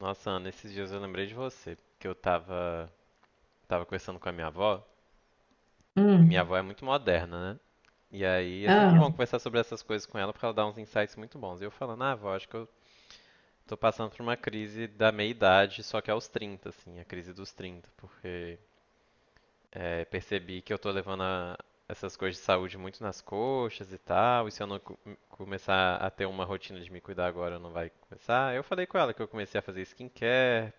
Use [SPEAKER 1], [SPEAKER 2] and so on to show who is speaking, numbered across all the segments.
[SPEAKER 1] Nossa, Ana, esses dias eu lembrei de você, porque eu tava conversando com a minha avó. Minha
[SPEAKER 2] Hum.
[SPEAKER 1] avó é muito moderna, né? E aí é
[SPEAKER 2] ah,
[SPEAKER 1] sempre
[SPEAKER 2] Ela-
[SPEAKER 1] bom conversar sobre essas coisas com ela, porque ela dá uns insights muito bons. E eu falando, ah, avó, acho que eu tô passando por uma crise da meia-idade, só que é aos 30, assim, a crise dos 30, porque percebi que eu tô essas coisas de saúde muito nas coxas e tal, e se eu não começar a ter uma rotina de me cuidar agora, não vai começar. Eu falei com ela que eu comecei a fazer skincare,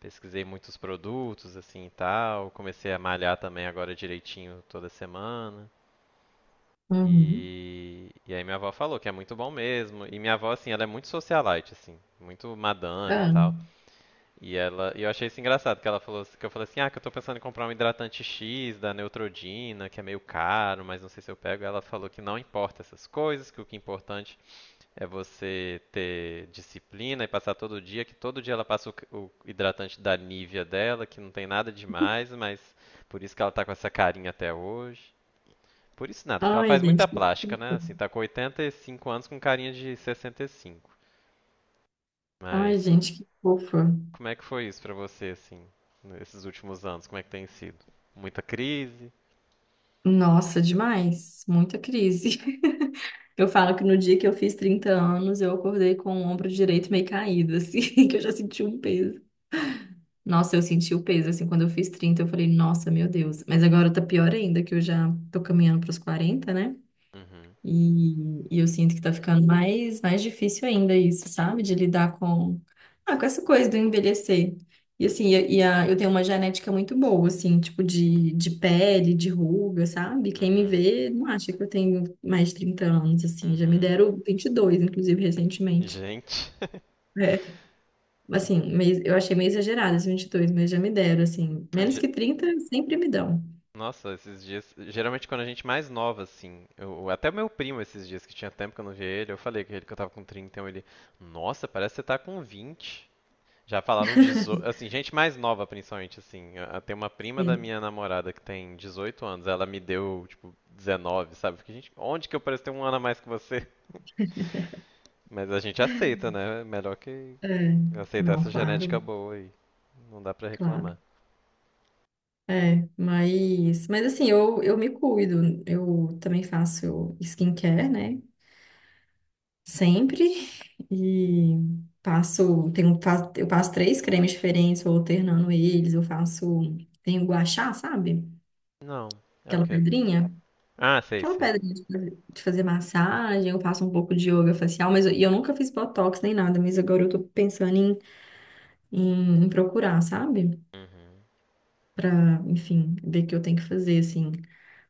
[SPEAKER 1] pesquisei muitos produtos, assim e tal. Comecei a malhar também agora direitinho toda semana.
[SPEAKER 2] Uhum.
[SPEAKER 1] E aí minha avó falou que é muito bom mesmo. E minha avó, assim, ela é muito socialite, assim, muito madame e
[SPEAKER 2] Ah.
[SPEAKER 1] tal. E ela, e eu achei isso engraçado, que ela falou, que eu falei assim, ah, que eu tô pensando em comprar um hidratante X da Neutrodina, que é meio caro, mas não sei se eu pego. Ela falou que não importa essas coisas, que o que é importante é você ter disciplina e passar todo dia, que todo dia ela passa o hidratante da Nivea dela, que não tem nada demais, mas por isso que ela tá com essa carinha até hoje. Por isso nada, porque ela
[SPEAKER 2] Ai,
[SPEAKER 1] faz muita
[SPEAKER 2] gente, que
[SPEAKER 1] plástica, né?
[SPEAKER 2] fofa.
[SPEAKER 1] Assim, tá com 85 anos com carinha de 65.
[SPEAKER 2] Ai,
[SPEAKER 1] Mas
[SPEAKER 2] gente, que fofa.
[SPEAKER 1] como é que foi isso pra você, assim, nesses últimos anos? Como é que tem sido? Muita crise?
[SPEAKER 2] Nossa, demais. Muita crise. Eu falo que no dia que eu fiz 30 anos, eu acordei com o ombro direito meio caído, assim, que eu já senti um peso. Nossa, eu senti o peso, assim, quando eu fiz 30 eu falei, nossa, meu Deus. Mas agora tá pior ainda, que eu já tô caminhando pros 40, né?
[SPEAKER 1] Uhum,
[SPEAKER 2] E eu sinto que tá ficando mais difícil ainda isso, sabe? De lidar com essa coisa do envelhecer. E assim, eu tenho uma genética muito boa, assim, tipo de pele, de ruga, sabe? Quem me
[SPEAKER 1] uhum,
[SPEAKER 2] vê não acha que eu tenho mais de 30 anos, assim. Já me
[SPEAKER 1] uhum.
[SPEAKER 2] deram 22 inclusive, recentemente.
[SPEAKER 1] Gente.
[SPEAKER 2] É. Assim, eu achei meio exagerado esses 22, mas já me deram, assim. Menos que 30 sempre me dão.
[SPEAKER 1] Nossa, esses dias, geralmente quando a gente mais nova, assim, eu, até o meu primo esses dias, que tinha tempo que eu não via ele, eu falei que ele que eu tava com 30, então ele, nossa, parece que você tá com 20. Já falaram 18, assim, gente mais nova principalmente, tem uma prima da
[SPEAKER 2] Sim.
[SPEAKER 1] minha namorada que tem 18 anos, ela me deu, tipo, 19, sabe? Porque, gente, onde que eu pareço ter um ano a mais que você? Mas a gente aceita, né? É melhor que
[SPEAKER 2] É.
[SPEAKER 1] aceitar
[SPEAKER 2] Não,
[SPEAKER 1] essa genética
[SPEAKER 2] claro,
[SPEAKER 1] boa aí, não dá pra
[SPEAKER 2] claro.
[SPEAKER 1] reclamar.
[SPEAKER 2] É, mas assim, eu me cuido. Eu também faço skincare, né? Sempre. E eu passo três cremes diferentes, vou alternando eles. Tenho guachá, sabe?
[SPEAKER 1] Não, é o
[SPEAKER 2] Aquela
[SPEAKER 1] quê?
[SPEAKER 2] pedrinha.
[SPEAKER 1] Ah, sei,
[SPEAKER 2] Aquela
[SPEAKER 1] sei.
[SPEAKER 2] pedrinha de fazer massagem. Eu faço um pouco de yoga facial, e eu nunca fiz botox nem nada. Mas agora eu tô pensando em procurar, sabe?
[SPEAKER 1] Uhum.
[SPEAKER 2] Pra, enfim, ver o que eu tenho que fazer, assim,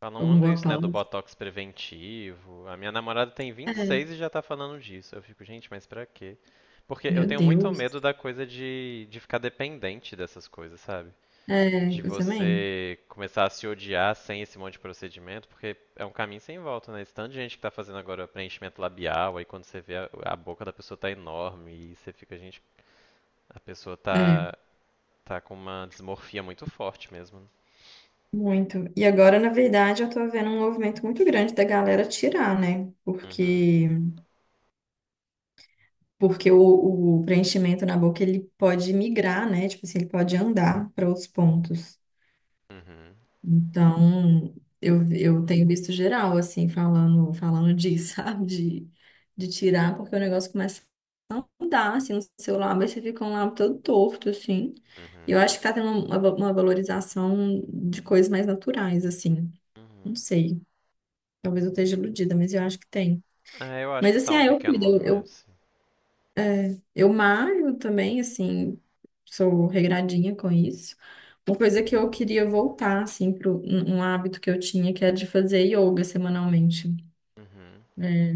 [SPEAKER 1] Falam
[SPEAKER 2] algum
[SPEAKER 1] muito isso, né, do
[SPEAKER 2] botox.
[SPEAKER 1] botox preventivo. A minha namorada tem 26
[SPEAKER 2] É,
[SPEAKER 1] e seis e já tá falando disso. Eu fico, gente, mas pra quê? Porque eu
[SPEAKER 2] meu
[SPEAKER 1] tenho muito
[SPEAKER 2] Deus.
[SPEAKER 1] medo da coisa de ficar dependente dessas coisas, sabe?
[SPEAKER 2] É,
[SPEAKER 1] De
[SPEAKER 2] eu também.
[SPEAKER 1] você começar a se odiar sem esse monte de procedimento, porque é um caminho sem volta, né? Esse tanto de gente que tá fazendo agora preenchimento labial, aí quando você vê a boca da pessoa tá enorme e você fica, gente, a pessoa
[SPEAKER 2] É,
[SPEAKER 1] tá, tá com uma desmorfia muito forte mesmo, né?
[SPEAKER 2] muito. E agora, na verdade, eu tô vendo um movimento muito grande da galera tirar, né?
[SPEAKER 1] Uhum,
[SPEAKER 2] Porque o preenchimento na boca ele pode migrar, né? Tipo assim, ele pode andar para outros pontos.
[SPEAKER 1] uhum,
[SPEAKER 2] Então, eu tenho visto geral assim falando disso, sabe? De tirar, porque o negócio começa a andar assim no seu lábio, aí você fica um lábio todo torto assim. E eu
[SPEAKER 1] uhum,
[SPEAKER 2] acho que tá tendo uma valorização de coisas mais naturais assim.
[SPEAKER 1] uhum.
[SPEAKER 2] Não sei. Talvez eu esteja iludida, mas eu acho que tem.
[SPEAKER 1] É, eu acho
[SPEAKER 2] Mas
[SPEAKER 1] que
[SPEAKER 2] assim,
[SPEAKER 1] tá
[SPEAKER 2] ah,
[SPEAKER 1] um
[SPEAKER 2] eu
[SPEAKER 1] pequeno
[SPEAKER 2] cuido. Eu,
[SPEAKER 1] movimento,
[SPEAKER 2] eu,
[SPEAKER 1] sim.
[SPEAKER 2] eu malho também, assim, sou regradinha com isso. Uma coisa que eu queria voltar, assim, para um hábito que eu tinha, que era de fazer yoga semanalmente.
[SPEAKER 1] Uhum.
[SPEAKER 2] É,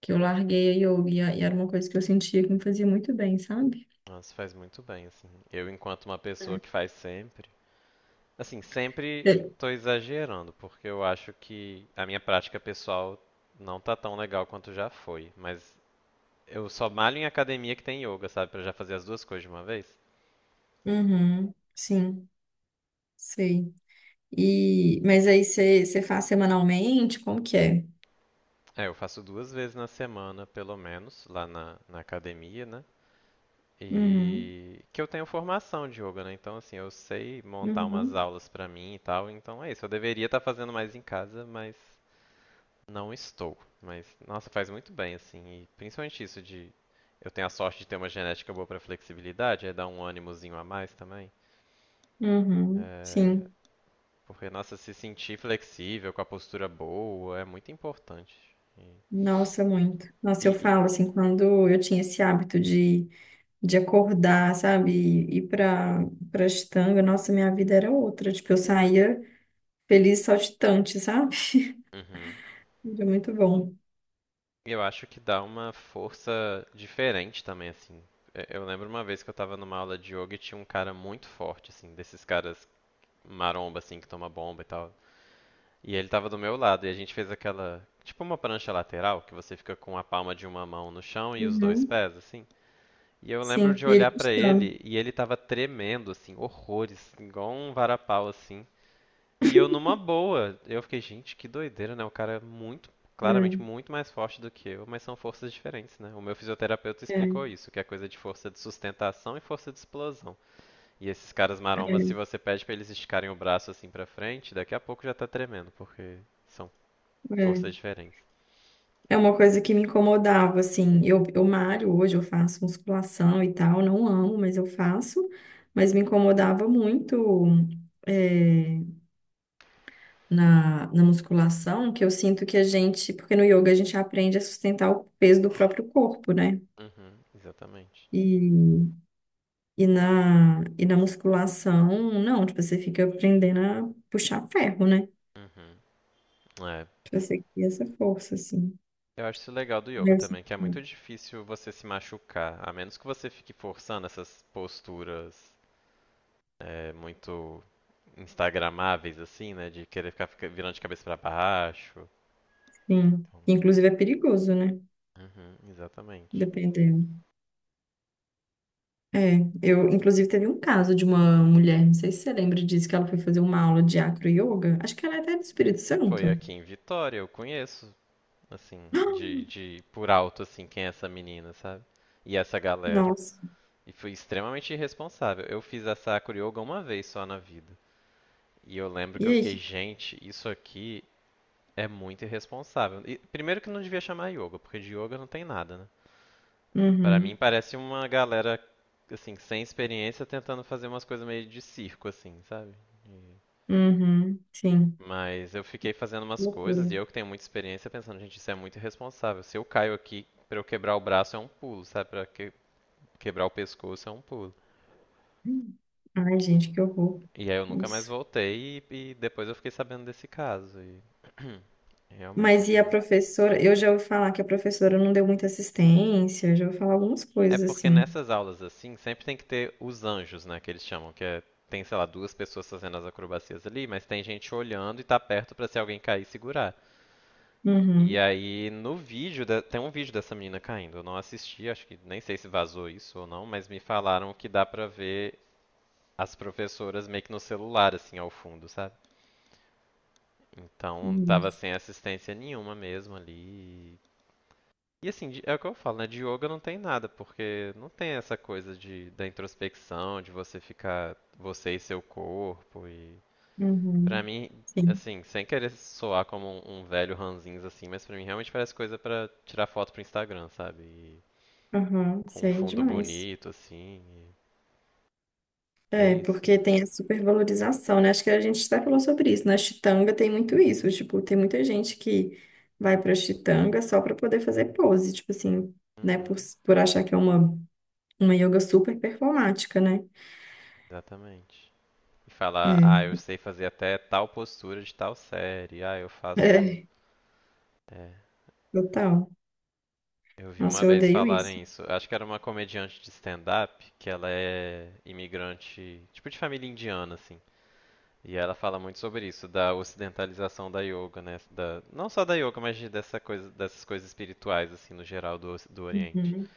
[SPEAKER 2] que eu larguei a yoga e era uma coisa que eu sentia que me fazia muito bem, sabe?
[SPEAKER 1] Nossa, faz muito bem, assim. Eu, enquanto uma pessoa que faz sempre. Assim, sempre
[SPEAKER 2] É.
[SPEAKER 1] tô exagerando, porque eu acho que a minha prática pessoal não tá tão legal quanto já foi. Mas eu só malho em academia que tem yoga, sabe? Pra já fazer as duas coisas de uma vez.
[SPEAKER 2] Uhum, sim, sei. E, mas aí você faz semanalmente? Como que é?
[SPEAKER 1] É, eu faço duas vezes na semana, pelo menos, lá na academia, né?
[SPEAKER 2] Uhum,
[SPEAKER 1] E que eu tenho formação de yoga, né? Então, assim, eu sei montar umas
[SPEAKER 2] uhum,
[SPEAKER 1] aulas pra mim e tal. Então é isso. Eu deveria estar fazendo mais em casa, mas não estou. Mas, nossa, faz muito bem, assim. E principalmente isso de. Eu tenho a sorte de ter uma genética boa pra flexibilidade, é dar um ânimozinho a mais também.
[SPEAKER 2] uhum,
[SPEAKER 1] É,
[SPEAKER 2] sim.
[SPEAKER 1] porque, nossa, se sentir flexível, com a postura boa, é muito importante. E,
[SPEAKER 2] Nossa, muito.
[SPEAKER 1] e,
[SPEAKER 2] Nossa, eu
[SPEAKER 1] e-
[SPEAKER 2] falo assim, quando eu tinha esse hábito de acordar, sabe, e ir pra estanga, nossa, minha vida era outra. Tipo, eu saía feliz, saltitante, sabe?
[SPEAKER 1] Uhum.
[SPEAKER 2] Era muito bom.
[SPEAKER 1] Eu acho que dá uma força diferente também, assim. É, eu lembro uma vez que eu tava numa aula de yoga e tinha um cara muito forte, assim, desses caras maromba, assim, que toma bomba e tal. E ele tava do meu lado e a gente fez aquela, tipo uma prancha lateral, que você fica com a palma de uma mão no chão e os dois
[SPEAKER 2] Uhum.
[SPEAKER 1] pés, assim. E eu lembro
[SPEAKER 2] Sim,
[SPEAKER 1] de
[SPEAKER 2] e ele
[SPEAKER 1] olhar pra
[SPEAKER 2] custando.
[SPEAKER 1] ele e ele tava tremendo, assim, horrores, igual um varapau, assim. E eu numa boa, eu fiquei, gente, que doideira, né? O cara é muito,
[SPEAKER 2] É,
[SPEAKER 1] claramente muito mais forte do que eu, mas são forças diferentes, né? O meu fisioterapeuta
[SPEAKER 2] é,
[SPEAKER 1] explicou isso, que é coisa de força de sustentação e força de explosão. E esses caras marombas, se
[SPEAKER 2] é,
[SPEAKER 1] você pede pra eles esticarem o braço assim pra frente, daqui a pouco já tá tremendo, porque são
[SPEAKER 2] é.
[SPEAKER 1] forças diferentes.
[SPEAKER 2] É uma coisa que me incomodava, assim. Eu malho hoje, eu faço musculação e tal, não amo, mas eu faço. Mas me incomodava muito. É, na musculação, que eu sinto que a gente, porque no yoga a gente aprende a sustentar o peso do próprio corpo, né?
[SPEAKER 1] Uhum, exatamente.
[SPEAKER 2] E, e na musculação, não, tipo, você fica aprendendo a puxar ferro, né?
[SPEAKER 1] Uhum. É.
[SPEAKER 2] Tipo, você cria essa força, assim.
[SPEAKER 1] Eu acho isso legal do yoga
[SPEAKER 2] Deve ser-
[SPEAKER 1] também, que é muito difícil você se machucar, a menos que você fique forçando essas posturas muito instagramáveis, assim, né? De querer virando de cabeça pra baixo.
[SPEAKER 2] Sim.
[SPEAKER 1] Então,
[SPEAKER 2] Inclusive é perigoso, né?
[SPEAKER 1] uhum, exatamente.
[SPEAKER 2] Dependendo. É, eu, inclusive, teve um caso de uma mulher, não sei se você lembra disso, que ela foi fazer uma aula de acro yoga. Acho que ela é até do Espírito
[SPEAKER 1] Foi
[SPEAKER 2] Santo.
[SPEAKER 1] aqui em Vitória, eu conheço, assim, de, de por alto, assim, quem é essa menina, sabe? E essa galera.
[SPEAKER 2] Nossa.
[SPEAKER 1] E fui extremamente irresponsável. Eu fiz a Sakura Yoga uma vez só na vida. E eu lembro
[SPEAKER 2] E
[SPEAKER 1] que eu fiquei,
[SPEAKER 2] aí?
[SPEAKER 1] gente, isso aqui é muito irresponsável. E, primeiro que não devia chamar yoga, porque de yoga não tem nada, né? Pra mim
[SPEAKER 2] Uhum.
[SPEAKER 1] parece uma galera, assim, sem experiência tentando fazer umas coisas meio de circo, assim, sabe? E-
[SPEAKER 2] Uhum, sim,
[SPEAKER 1] Mas eu fiquei fazendo umas coisas
[SPEAKER 2] loucura.
[SPEAKER 1] e eu que tenho muita experiência pensando, gente, isso é muito irresponsável. Se eu caio aqui, pra eu quebrar o braço é um pulo, sabe? Quebrar o pescoço é um pulo.
[SPEAKER 2] Ai, gente, que horror.
[SPEAKER 1] E aí eu nunca mais
[SPEAKER 2] Nossa.
[SPEAKER 1] voltei e depois eu fiquei sabendo desse caso. E...
[SPEAKER 2] Mas e a professora? Eu já ouvi falar que a professora não deu muita assistência, eu já ouvi falar algumas
[SPEAKER 1] É
[SPEAKER 2] coisas
[SPEAKER 1] porque
[SPEAKER 2] assim.
[SPEAKER 1] nessas aulas assim, sempre tem que ter os anjos, né, que eles chamam, que é tem, sei lá, duas pessoas fazendo as acrobacias ali, mas tem gente olhando e tá perto pra se alguém cair e segurar. E
[SPEAKER 2] Uhum,
[SPEAKER 1] aí, no vídeo, tem um vídeo dessa menina caindo. Eu não assisti, acho que nem sei se vazou isso ou não, mas me falaram que dá pra ver as professoras meio que no celular, assim, ao fundo, sabe? Então, tava
[SPEAKER 2] isso,
[SPEAKER 1] sem assistência nenhuma mesmo ali. E assim, é o que eu falo, né? De yoga não tem nada, porque não tem essa coisa de, da introspecção, de você ficar você e seu corpo e pra
[SPEAKER 2] uhum,
[SPEAKER 1] mim,
[SPEAKER 2] sim.
[SPEAKER 1] assim, sem querer soar como um velho ranzinza assim, mas pra mim realmente parece coisa pra tirar foto pro Instagram, sabe? E,
[SPEAKER 2] Aham,
[SPEAKER 1] com um
[SPEAKER 2] sei
[SPEAKER 1] fundo
[SPEAKER 2] demais.
[SPEAKER 1] bonito assim. E é
[SPEAKER 2] É,
[SPEAKER 1] isso.
[SPEAKER 2] porque tem a supervalorização, né? Acho que a gente até falou sobre isso. Na Chitanga tem muito isso. Tipo, tem muita gente que vai pra Chitanga só pra poder fazer pose, tipo assim, né? Por,
[SPEAKER 1] Uhum,
[SPEAKER 2] por achar que é uma yoga super performática, né?
[SPEAKER 1] exatamente. E falar, ah, eu sei fazer até tal postura de tal série. Ah, eu
[SPEAKER 2] É,
[SPEAKER 1] faço.
[SPEAKER 2] é,
[SPEAKER 1] É,
[SPEAKER 2] total.
[SPEAKER 1] eu vi uma
[SPEAKER 2] Nossa, eu
[SPEAKER 1] vez
[SPEAKER 2] odeio isso.
[SPEAKER 1] falarem isso. Acho que era uma comediante de stand-up, que ela é imigrante, tipo de família indiana, assim. E ela fala muito sobre isso, da ocidentalização da yoga, né? Da, não só da yoga, dessa coisa, dessas coisas espirituais, assim, no geral do, do Oriente.
[SPEAKER 2] Uhum.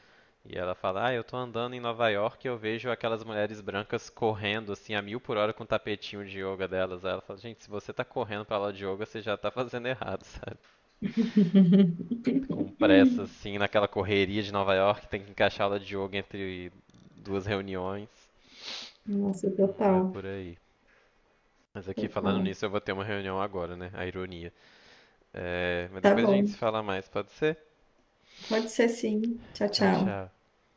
[SPEAKER 1] E ela fala, ah, eu tô andando em Nova York e eu vejo aquelas mulheres brancas correndo, assim, a mil por hora com o tapetinho de yoga delas. Aí ela fala, gente, se você tá correndo pra aula de yoga, você já tá fazendo errado. Sabe? Com pressa, assim, naquela correria de Nova York, tem que encaixar aula de yoga entre duas reuniões.
[SPEAKER 2] Nossa,
[SPEAKER 1] Não é
[SPEAKER 2] total,
[SPEAKER 1] por aí. Mas aqui, falando
[SPEAKER 2] total.
[SPEAKER 1] nisso, eu vou ter uma reunião agora, né? A ironia. É, mas
[SPEAKER 2] Tá
[SPEAKER 1] depois a gente
[SPEAKER 2] bom.
[SPEAKER 1] se fala mais, pode ser?
[SPEAKER 2] Pode ser sim. Tchau,
[SPEAKER 1] Tchau,
[SPEAKER 2] tchau.
[SPEAKER 1] tchau.